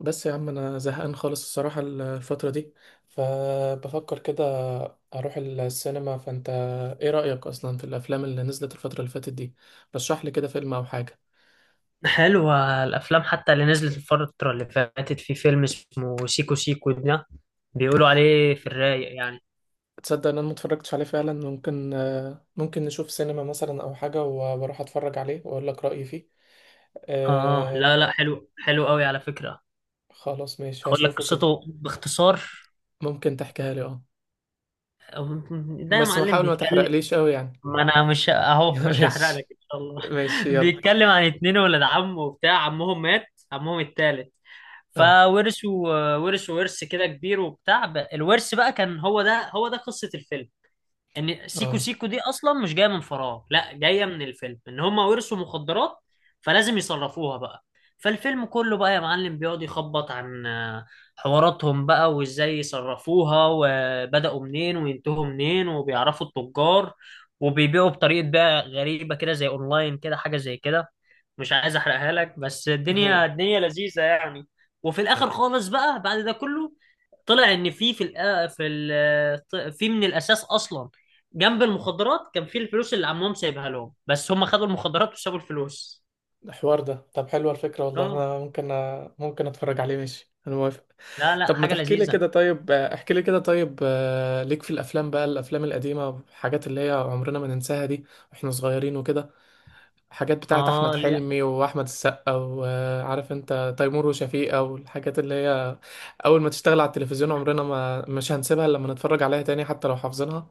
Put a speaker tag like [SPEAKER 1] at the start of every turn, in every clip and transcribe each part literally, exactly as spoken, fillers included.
[SPEAKER 1] بس يا عم انا زهقان خالص الصراحة الفترة دي، فبفكر كده اروح السينما. فانت ايه رأيك اصلا في الافلام اللي نزلت الفترة اللي فاتت دي؟ رشح لي كده فيلم او حاجة.
[SPEAKER 2] حلوة الأفلام، حتى اللي نزلت الفترة اللي فاتت. في فيلم اسمه سيكو سيكو ده بيقولوا عليه في الرايق يعني.
[SPEAKER 1] تصدق ان انا متفرجتش عليه فعلا؟ ممكن آه، ممكن نشوف سينما مثلا او حاجة و- واروح اتفرج عليه واقول لك رأيي فيه.
[SPEAKER 2] آه،
[SPEAKER 1] آه.
[SPEAKER 2] لا لا حلو، حلو قوي على فكرة.
[SPEAKER 1] خلاص ماشي
[SPEAKER 2] أقول لك
[SPEAKER 1] هشوفه كده.
[SPEAKER 2] قصته باختصار.
[SPEAKER 1] ممكن تحكيها لي، اه.
[SPEAKER 2] ده يا
[SPEAKER 1] بس ما
[SPEAKER 2] معلم
[SPEAKER 1] حاول ما
[SPEAKER 2] بيتكلم.
[SPEAKER 1] تحرقليش قوي يعني.
[SPEAKER 2] ما أنا مش أهو، مش هحرق لك
[SPEAKER 1] ماشي.
[SPEAKER 2] إن شاء الله.
[SPEAKER 1] ماشي يلا.
[SPEAKER 2] بيتكلم عن اتنين ولاد عم، وبتاع عمهم مات، عمهم التالت،
[SPEAKER 1] اه،
[SPEAKER 2] فورثوا ورثوا ورث كده كبير وبتاع. الورث بقى كان هو ده هو ده قصة الفيلم. ان سيكو
[SPEAKER 1] اه،
[SPEAKER 2] سيكو دي اصلا مش جايه من فراغ، لا جايه من الفيلم ان هم ورثوا مخدرات، فلازم يصرفوها بقى. فالفيلم كله بقى يا معلم بيقعد يخبط عن آه، حواراتهم بقى، وازاي يصرفوها، وبدأوا منين وينتهوا منين، وبيعرفوا التجار، وبيبيعوا بطريقة بقى غريبة كده، زي اونلاين كده حاجة زي كده. مش عايز احرقها لك، بس الدنيا
[SPEAKER 1] اه.
[SPEAKER 2] الدنيا لذيذة يعني. وفي الاخر خالص بقى، بعد ده كله، طلع ان في في الأ- في ال- في من الاساس اصلا، جنب المخدرات، كان في الفلوس اللي عمهم سايبها لهم، بس هم خدوا المخدرات وسابوا الفلوس.
[SPEAKER 1] الحوار ده، طب حلوة الفكرة والله،
[SPEAKER 2] اه،
[SPEAKER 1] أنا ممكن ممكن أتفرج عليه. ماشي أنا موافق.
[SPEAKER 2] لا لا
[SPEAKER 1] طب ما
[SPEAKER 2] حاجة
[SPEAKER 1] تحكي لي
[SPEAKER 2] لذيذة.
[SPEAKER 1] كده طيب، آه، احكي لي كده طيب، آه، ليك في الأفلام بقى، الأفلام القديمة الحاجات اللي هي عمرنا ما ننساها دي وإحنا صغيرين وكده. حاجات بتاعة أحمد
[SPEAKER 2] اه. لا.
[SPEAKER 1] حلمي وأحمد السقا، وعارف أنت، تيمور وشفيقة والحاجات اللي هي أول ما تشتغل على التلفزيون عمرنا ما مش هنسيبها إلا لما نتفرج عليها تاني حتى لو حافظينها.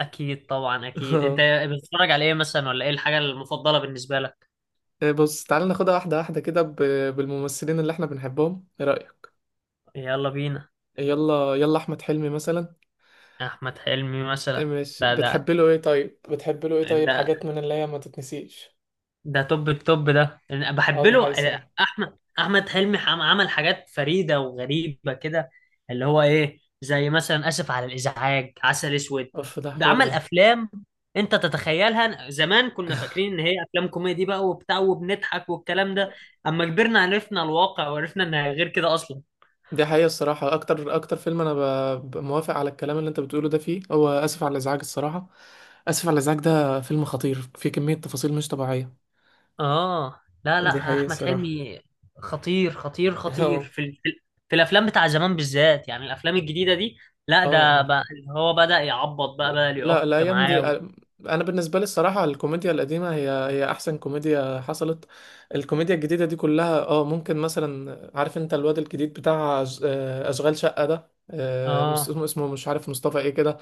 [SPEAKER 2] اكيد، طبعا اكيد. انت بتتفرج على ايه مثلا، ولا ايه الحاجة المفضلة بالنسبة لك؟
[SPEAKER 1] بص تعالى ناخدها واحدة واحدة كده ب- بالممثلين اللي احنا بنحبهم، ايه رأيك؟
[SPEAKER 2] يلا بينا.
[SPEAKER 1] يلا يلا، احمد حلمي مثلا.
[SPEAKER 2] احمد حلمي مثلا.
[SPEAKER 1] مش
[SPEAKER 2] ده ده
[SPEAKER 1] بتحب له ايه طيب؟ بتحب له ايه طيب؟
[SPEAKER 2] ده
[SPEAKER 1] حاجات من اللي هي ما تتنسيش.
[SPEAKER 2] ده توب التوب، ده أنا
[SPEAKER 1] اه،
[SPEAKER 2] بحب
[SPEAKER 1] دي
[SPEAKER 2] له.
[SPEAKER 1] حقيقة
[SPEAKER 2] آه،
[SPEAKER 1] الصراحة.
[SPEAKER 2] احمد احمد حلمي عم- عمل حاجات فريده وغريبه كده، اللي هو ايه، زي مثلا اسف على الازعاج، عسل اسود،
[SPEAKER 1] اوف ده
[SPEAKER 2] ده
[SPEAKER 1] الحوار
[SPEAKER 2] عمل
[SPEAKER 1] ده.
[SPEAKER 2] افلام انت تتخيلها. زمان كنا فاكرين ان هي افلام كوميدي بقى وبتاع، وبنضحك والكلام ده. اما كبرنا عرفنا الواقع، وعرفنا انها غير كده اصلا.
[SPEAKER 1] دي حقيقة الصراحة، اكتر اكتر فيلم انا ب... ب- موافق على الكلام اللي انت بتقوله ده، فيه هو اسف على الازعاج الصراحة. اسف على الازعاج ده فيلم خطير فيه كمية تفاصيل مش طبيعية.
[SPEAKER 2] اه، لا
[SPEAKER 1] دي
[SPEAKER 2] لا
[SPEAKER 1] حقيقة
[SPEAKER 2] احمد
[SPEAKER 1] الصراحة.
[SPEAKER 2] حلمي خطير، خطير خطير
[SPEAKER 1] اه.
[SPEAKER 2] في ال... في ال- في الافلام بتاع زمان بالذات، يعني الافلام الجديده دي، لا ده
[SPEAKER 1] اه،
[SPEAKER 2] بقى اللي هو بدأ يعبط بقى، بقى
[SPEAKER 1] لا
[SPEAKER 2] يعك
[SPEAKER 1] الايام دي.
[SPEAKER 2] معاه و...
[SPEAKER 1] انا بالنسبه لي الصراحه، الكوميديا القديمه هي هي احسن كوميديا حصلت. الكوميديا الجديده دي كلها اه، ممكن مثلا عارف انت الواد الجديد بتاع أش- آه، اشغال شقه ده، آه،
[SPEAKER 2] اه
[SPEAKER 1] اسمه اسمه مش عارف مصطفى ايه كده.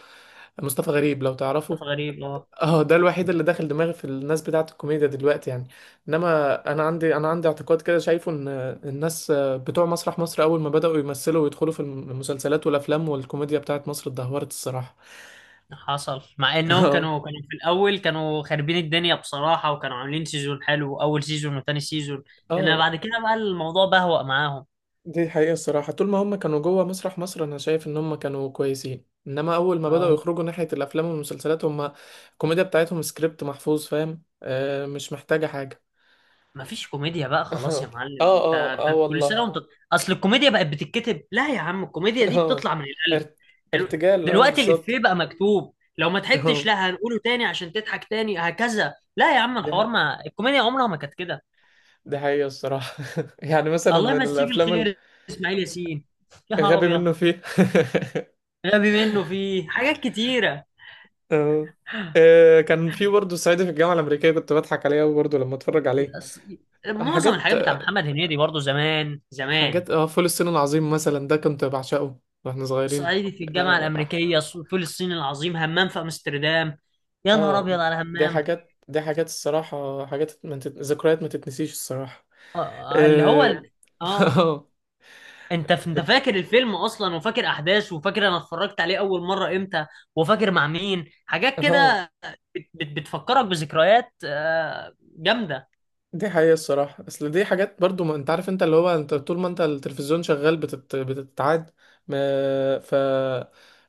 [SPEAKER 1] مصطفى غريب لو
[SPEAKER 2] كانت
[SPEAKER 1] تعرفه.
[SPEAKER 2] غريب. اه
[SPEAKER 1] اه ده الوحيد اللي داخل دماغي في الناس بتاعه الكوميديا دلوقتي يعني. انما انا عندي انا عندي اعتقاد كده شايفه ان الناس بتوع مسرح مصر اول ما بداوا يمثلوا ويدخلوا في المسلسلات والافلام والكوميديا بتاعه مصر اتدهورت الصراحه.
[SPEAKER 2] حصل، مع انهم
[SPEAKER 1] اه.
[SPEAKER 2] كانوا كانوا في الاول كانوا خاربين الدنيا بصراحه، وكانوا عاملين سيزون حلو، اول سيزون وتاني سيزون، انما
[SPEAKER 1] اه
[SPEAKER 2] بعد كده بقى الموضوع بهوأ معاهم.
[SPEAKER 1] دي حقيقة الصراحة، طول ما هم كانوا جوه مسرح مصر انا شايف ان هم كانوا كويسين، انما اول ما بدأوا
[SPEAKER 2] اه،
[SPEAKER 1] يخرجوا ناحية الافلام والمسلسلات هم الكوميديا بتاعتهم سكريبت محفوظ فاهم آه، مش محتاجة حاجة.
[SPEAKER 2] مفيش كوميديا بقى خلاص يا
[SPEAKER 1] اه.
[SPEAKER 2] معلم. انت,
[SPEAKER 1] اه اه
[SPEAKER 2] انت كل سنه
[SPEAKER 1] والله.
[SPEAKER 2] وانت... اصل الكوميديا بقت بتتكتب. لا يا عم، الكوميديا دي
[SPEAKER 1] اه.
[SPEAKER 2] بتطلع من القلب.
[SPEAKER 1] ارت-
[SPEAKER 2] دلو-
[SPEAKER 1] ارتجال اه
[SPEAKER 2] دلوقتي الإفيه
[SPEAKER 1] بالظبط.
[SPEAKER 2] بقى مكتوب. لو ما ضحكتش
[SPEAKER 1] اه.
[SPEAKER 2] لا هنقوله تاني عشان تضحك تاني، هكذا. لا يا عم
[SPEAKER 1] دي ح-
[SPEAKER 2] الحوار، ما الكوميديا عمرها ما كانت كده.
[SPEAKER 1] دي حقيقة الصراحة. يعني مثلا
[SPEAKER 2] الله
[SPEAKER 1] من
[SPEAKER 2] يمسيه
[SPEAKER 1] الافلام،
[SPEAKER 2] بالخير، اسماعيل ياسين، يا نهار
[SPEAKER 1] الغبي
[SPEAKER 2] ابيض.
[SPEAKER 1] منه فيه.
[SPEAKER 2] غبي منه فيه حاجات كتيرة.
[SPEAKER 1] اه. آه، كان في برضه صعيدي في الجامعة الأمريكية كنت بضحك عليه أوي برضه لما أتفرج عليه.
[SPEAKER 2] أص- معظم
[SPEAKER 1] حاجات
[SPEAKER 2] الحاجات بتاع محمد هنيدي برضو، زمان زمان.
[SPEAKER 1] حاجات، اه، فول الصين العظيم مثلا ده كنت بعشقه واحنا صغيرين.
[SPEAKER 2] صعيدي في الجامعة
[SPEAKER 1] اه أح-
[SPEAKER 2] الأمريكية، ص- فول الصين العظيم، همام في أمستردام. يا نهار
[SPEAKER 1] آه،
[SPEAKER 2] أبيض على
[SPEAKER 1] دي
[SPEAKER 2] همام.
[SPEAKER 1] حاجات دي حاجات الصراحة، حاجات ما تت... ذكريات ما تتنسيش الصراحة.
[SPEAKER 2] آه، اللي هو
[SPEAKER 1] اه.
[SPEAKER 2] ال... اه.
[SPEAKER 1] اه.
[SPEAKER 2] انت ف... انت فاكر الفيلم اصلا، وفاكر احداثه، وفاكر انا اتفرجت عليه اول مره امتى، وفاكر مع مين، حاجات
[SPEAKER 1] آه،
[SPEAKER 2] كده. بت... بت... بتفكرك بذكريات آه، جامده.
[SPEAKER 1] دي حقيقة الصراحة، اصل دي حاجات برضو، ما انت عارف انت اللي هو انت طول ما انت التلفزيون شغال بتت... بتتعاد. ما... ف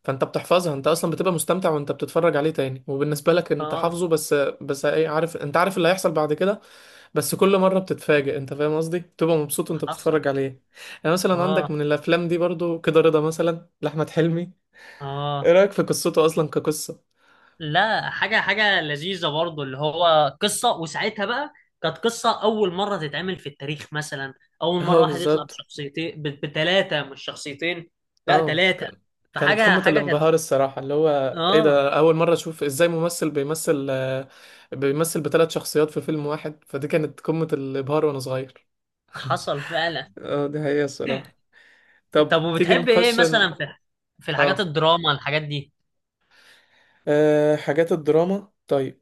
[SPEAKER 1] فانت بتحفظها انت اصلا، بتبقى مستمتع وانت بتتفرج عليه تاني وبالنسبة لك انت
[SPEAKER 2] اه
[SPEAKER 1] حافظه بس. بس إيه، عارف انت عارف اللي هيحصل بعد كده. بس كل مرة بتتفاجئ انت فاهم قصدي بتبقى مبسوط وانت
[SPEAKER 2] حصل.
[SPEAKER 1] بتتفرج عليه. يعني مثلا عندك
[SPEAKER 2] اه.
[SPEAKER 1] من الافلام دي برضو كده رضا مثلا لاحمد حلمي. ايه
[SPEAKER 2] اه،
[SPEAKER 1] رأيك في قصته اصلا كقصة؟
[SPEAKER 2] لا، حاجه حاجه لذيذه برضو، اللي هو قصه. وساعتها بقى كانت قصه اول مره تتعمل في التاريخ مثلا. اول مره
[SPEAKER 1] اه
[SPEAKER 2] واحد يطلع
[SPEAKER 1] بالظبط.
[SPEAKER 2] بشخصيتين، بثلاثه، مش شخصيتين، لا
[SPEAKER 1] اه
[SPEAKER 2] ثلاثه.
[SPEAKER 1] كان. كانت
[SPEAKER 2] فحاجه
[SPEAKER 1] قمة
[SPEAKER 2] حاجه كانت.
[SPEAKER 1] الانبهار الصراحة اللي هو ايه
[SPEAKER 2] اه
[SPEAKER 1] ده، اول مرة اشوف ازاي ممثل بيمثل آه، بيمثل بثلاث شخصيات في فيلم واحد، فدي كانت قمة الابهار وانا صغير.
[SPEAKER 2] حصل فعلا.
[SPEAKER 1] اه دي حقيقة الصراحة. طب
[SPEAKER 2] طب
[SPEAKER 1] تيجي
[SPEAKER 2] وبتحب ايه
[SPEAKER 1] نخش ن-
[SPEAKER 2] مثلا في، في الحاجات
[SPEAKER 1] اه.
[SPEAKER 2] الدراما، الحاجات دي؟
[SPEAKER 1] آه، حاجات الدراما طيب.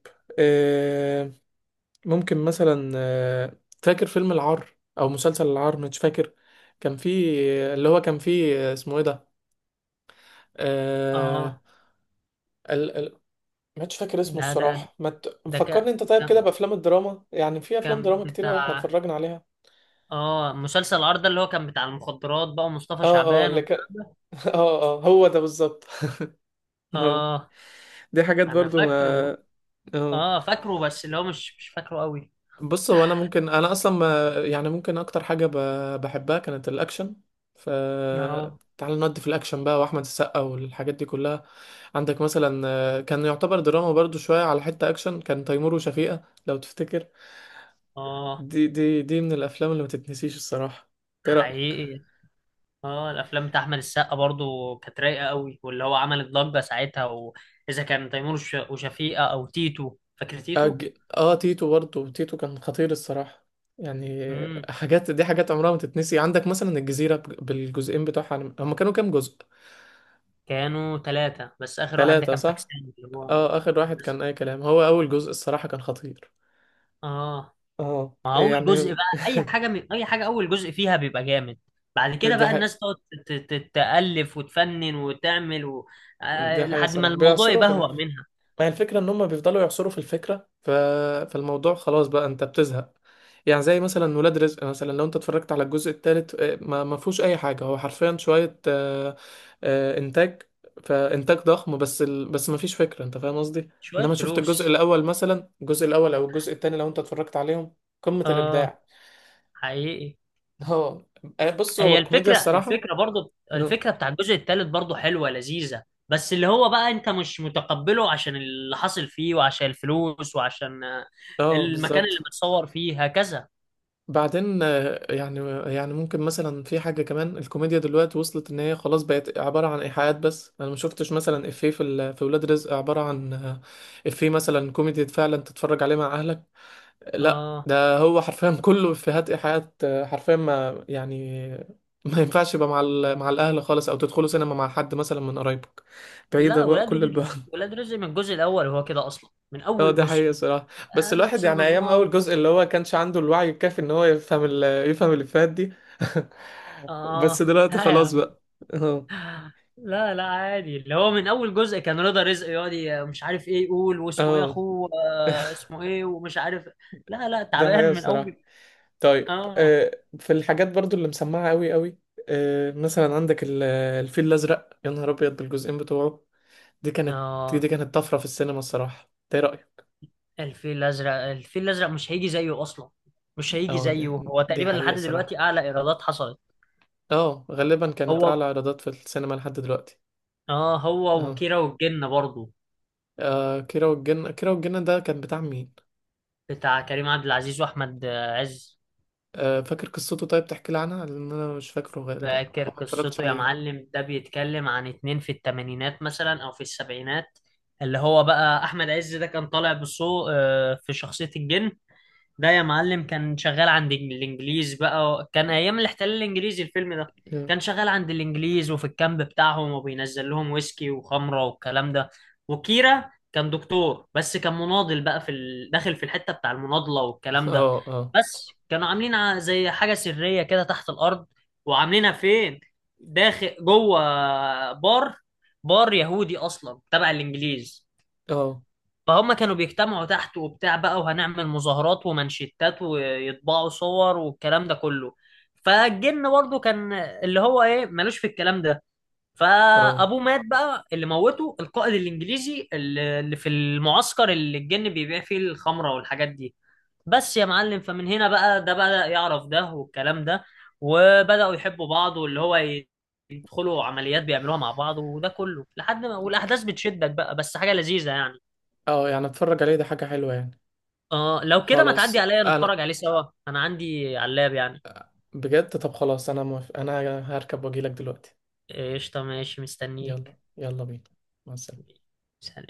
[SPEAKER 1] ممكن مثلا، آه، فاكر فيلم العار او مسلسل العار مش فاكر. كان فيه، اللي هو كان فيه آه، اسمه ايه ده؟ آه
[SPEAKER 2] اه.
[SPEAKER 1] ال... ال... مش فاكر اسمه
[SPEAKER 2] ده ده
[SPEAKER 1] الصراحة، ما ت...
[SPEAKER 2] ده ك...
[SPEAKER 1] فكرني انت طيب كده
[SPEAKER 2] كان
[SPEAKER 1] بافلام الدراما، يعني في افلام
[SPEAKER 2] كان
[SPEAKER 1] دراما كتير قوي احنا
[SPEAKER 2] بتاع،
[SPEAKER 1] اتفرجنا عليها.
[SPEAKER 2] اه، مسلسل العار ده، اللي هو كان بتاع المخدرات بقى، ومصطفى
[SPEAKER 1] اه، اه
[SPEAKER 2] شعبان
[SPEAKER 1] اللي
[SPEAKER 2] والكلام
[SPEAKER 1] كان.
[SPEAKER 2] ده.
[SPEAKER 1] اه، اه، هو ده بالظبط.
[SPEAKER 2] اه
[SPEAKER 1] دي حاجات
[SPEAKER 2] انا
[SPEAKER 1] برضو ما.
[SPEAKER 2] فاكره.
[SPEAKER 1] اه
[SPEAKER 2] اه فاكره، بس اللي هو مش مش فاكره قوي.
[SPEAKER 1] بص هو انا ممكن انا اصلا ما- يعني ممكن اكتر حاجه ب- بحبها كانت الاكشن. ف
[SPEAKER 2] اه.
[SPEAKER 1] تعال نودي في الاكشن بقى واحمد السقا والحاجات دي كلها. عندك مثلا آه، كان يعتبر دراما برضو شويه على حته اكشن، كان تيمور وشفيقة لو تفتكر.
[SPEAKER 2] اه
[SPEAKER 1] دي دي دي من الافلام اللي ما تتنسيش الصراحه، ايه رايك؟
[SPEAKER 2] حقيقي. اه، الافلام بتاع احمد السقا برضو كانت رايقه قوي، واللي هو عمل ضجه ساعتها، واذا كان تيمور وش- وشفيقه، او تيتو، فاكر تيتو؟
[SPEAKER 1] أج... اه تيتو برضو، تيتو كان خطير الصراحه يعني.
[SPEAKER 2] مم.
[SPEAKER 1] حاجات، دي حاجات عمرها ما تتنسي. عندك مثلا الجزيره بج- بالجزئين بتوعها، هم كانوا كام جزء؟
[SPEAKER 2] كانوا ثلاثة، بس آخر واحد ده
[SPEAKER 1] ثلاثه
[SPEAKER 2] كان
[SPEAKER 1] صح.
[SPEAKER 2] فاكسان، اللي
[SPEAKER 1] اه،
[SPEAKER 2] هو
[SPEAKER 1] اخر واحد
[SPEAKER 2] بس.
[SPEAKER 1] كان اي كلام، هو اول جزء الصراحة كان خطير،
[SPEAKER 2] اه،
[SPEAKER 1] اه
[SPEAKER 2] ما هو أول جزء
[SPEAKER 1] يعني.
[SPEAKER 2] بقى، أي حاجة من أي حاجة أول جزء فيها بيبقى جامد، بعد كده
[SPEAKER 1] دي
[SPEAKER 2] بقى
[SPEAKER 1] حقيقة.
[SPEAKER 2] الناس تقعد ت- ت- تألف وتفنن وتعمل و...
[SPEAKER 1] دي
[SPEAKER 2] آه
[SPEAKER 1] حقيقة
[SPEAKER 2] لحد ما
[SPEAKER 1] صراحة،
[SPEAKER 2] الموضوع
[SPEAKER 1] بيعصروا في ال...
[SPEAKER 2] يبهوأ منها.
[SPEAKER 1] ما هي الفكرة ان هم بيفضلوا يعصروا في الفكرة، ف... فالموضوع خلاص بقى انت بتزهق. يعني زي مثلا ولاد رزق مثلا، لو انت اتفرجت على الجزء الثالث، ما ما فيهوش اي حاجة، هو حرفيا شوية آه، آه، انتاج. فانتاج ضخم، بس ال... بس ما فيش فكرة انت فاهم قصدي.
[SPEAKER 2] شوية
[SPEAKER 1] انما شفت الجزء
[SPEAKER 2] فلوس.
[SPEAKER 1] الاول مثلا، الجزء الاول او الجزء الثاني لو انت اتفرجت عليهم قمة
[SPEAKER 2] اه
[SPEAKER 1] الابداع.
[SPEAKER 2] حقيقي.
[SPEAKER 1] اه. بص هو
[SPEAKER 2] هي
[SPEAKER 1] الكوميديا
[SPEAKER 2] الفكرة
[SPEAKER 1] الصراحة.
[SPEAKER 2] الفكرة برضو،
[SPEAKER 1] اه،
[SPEAKER 2] الفكرة بتاع الجزء الثالث برضو حلوة لذيذة، بس اللي هو بقى انت مش متقبله عشان اللي حصل فيه، وعشان الفلوس، وعشان آه،
[SPEAKER 1] اه
[SPEAKER 2] المكان اللي
[SPEAKER 1] بالظبط.
[SPEAKER 2] متصور فيه، هكذا.
[SPEAKER 1] بعدين آه، يعني يعني ممكن مثلا في حاجة كمان، الكوميديا دلوقتي وصلت ان هي خلاص بقت عبارة عن ايحاءات، بس انا ما شفتش مثلا افيه في ال- في ولاد رزق عبارة عن آه، افيه مثلا كوميدي فعلا تتفرج عليه مع اهلك. لا
[SPEAKER 2] اه،
[SPEAKER 1] ده هو حرفيا كله افيهات ايحاءات، آه، حرفيا ما يعني ما ينفعش يبقى مع ال- مع الاهل خالص، او تدخلوا سينما مع حد مثلا من قرايبك، بعيدة
[SPEAKER 2] لا،
[SPEAKER 1] بقى
[SPEAKER 2] ولاد
[SPEAKER 1] كل
[SPEAKER 2] ال-
[SPEAKER 1] البعد.
[SPEAKER 2] ولاد رزق من الجزء الاول هو كده اصلا، من
[SPEAKER 1] اه
[SPEAKER 2] اول
[SPEAKER 1] ده
[SPEAKER 2] جزء.
[SPEAKER 1] حقيقة صراحة. بس
[SPEAKER 2] آه
[SPEAKER 1] الواحد
[SPEAKER 2] نفس
[SPEAKER 1] يعني ايام اول
[SPEAKER 2] النظام.
[SPEAKER 1] جزء اللي هو كانش عنده الوعي الكافي ان هو يفهم ال يفهم الافيهات دي. بس
[SPEAKER 2] اه
[SPEAKER 1] دلوقتي
[SPEAKER 2] لا يا
[SPEAKER 1] خلاص
[SPEAKER 2] عم،
[SPEAKER 1] بقى. اه،
[SPEAKER 2] لا لا عادي، اللي هو من اول جزء كان رضا رزق يقعد ي- مش عارف ايه يقول، واسمه ايه
[SPEAKER 1] اه.
[SPEAKER 2] اخوه، آه اسمه ايه، ومش عارف. لا لا
[SPEAKER 1] ده
[SPEAKER 2] تعبان
[SPEAKER 1] حقيقة
[SPEAKER 2] من
[SPEAKER 1] الصراحة.
[SPEAKER 2] اول.
[SPEAKER 1] طيب
[SPEAKER 2] اه.
[SPEAKER 1] آه في الحاجات برضو اللي مسمعة قوي قوي. آه مثلا، عندك ال- الفيل الازرق يا نهار ابيض بالجزئين بتوعه. دي كانت دي
[SPEAKER 2] اه،
[SPEAKER 1] كانت طفرة في السينما الصراحة، ده إيه رأيك؟
[SPEAKER 2] الفيل الازرق، الفيل الازرق مش هيجي زيه اصلا، مش هيجي
[SPEAKER 1] اه، دي
[SPEAKER 2] زيه. هو
[SPEAKER 1] دي
[SPEAKER 2] تقريبا
[SPEAKER 1] حقيقة
[SPEAKER 2] لحد
[SPEAKER 1] الصراحة.
[SPEAKER 2] دلوقتي اعلى ايرادات حصلت.
[SPEAKER 1] اه غالبا كانت
[SPEAKER 2] هو،
[SPEAKER 1] اعلى ايرادات في السينما لحد دلوقتي.
[SPEAKER 2] اه هو
[SPEAKER 1] اه،
[SPEAKER 2] وكيرة والجن برضه.
[SPEAKER 1] آه كيرة والجن. كيرة والجن ده كان بتاع مين؟
[SPEAKER 2] بتاع كريم عبد العزيز واحمد عز.
[SPEAKER 1] آه فاكر قصته طيب، تحكي لي عنها لان انا مش فاكره غالبا
[SPEAKER 2] فاكر
[SPEAKER 1] او ما اتفرجتش
[SPEAKER 2] قصته يا
[SPEAKER 1] عليه.
[SPEAKER 2] معلم؟ ده بيتكلم عن اتنين في التمانينات مثلا او في السبعينات. اللي هو بقى احمد عز ده كان طالع بصو آه، في شخصية الجن. ده يا معلم كان شغال عند الانجليز بقى، كان ايام الاحتلال الانجليزي الفيلم ده،
[SPEAKER 1] مم.
[SPEAKER 2] كان شغال عند الانجليز وفي الكامب بتاعهم، وبينزل لهم ويسكي وخمره والكلام ده. وكيرا كان دكتور، بس كان مناضل بقى في ال...، داخل في الحته بتاع المناضله والكلام ده.
[SPEAKER 1] اه، اه،
[SPEAKER 2] بس كانوا عاملين ع- زي حاجه سريه كده تحت الارض، وعاملينها فين، داخل جوه بار، بار يهودي اصلا تبع الانجليز.
[SPEAKER 1] اه،
[SPEAKER 2] فهم كانوا بيجتمعوا تحت وبتاع بقى، وهنعمل مظاهرات ومانشيتات ويطبعوا صور والكلام ده كله. فالجن برضه كان اللي هو ايه، مالوش في الكلام ده.
[SPEAKER 1] اه،
[SPEAKER 2] فابوه مات بقى، اللي موته القائد الانجليزي اللي، اللي في المعسكر اللي الجن بيبيع فيه الخمره والحاجات دي، بس يا معلم. فمن هنا بقى ده بدأ يعرف ده والكلام ده، وبدأوا يحبوا بعض، واللي هو ي- يدخلوا عمليات بيعملوها مع بعض، وده كله لحد ما، والاحداث بتشدك بقى، بس حاجه لذيذه يعني.
[SPEAKER 1] اه، يعني اتفرج عليه ده حاجة حلوة يعني.
[SPEAKER 2] اه لو كده ما
[SPEAKER 1] خلاص.
[SPEAKER 2] تعدي عليا نتفرج
[SPEAKER 1] انا
[SPEAKER 2] عليه سوا. انا عندي علاب يعني.
[SPEAKER 1] بجد، طب خلاص انا موافق، انا هركب واجيلك دلوقتي.
[SPEAKER 2] قشطة، ماشي،
[SPEAKER 1] يلا
[SPEAKER 2] مستنيك.
[SPEAKER 1] يلا بينا. مع السلامة.
[SPEAKER 2] سلام.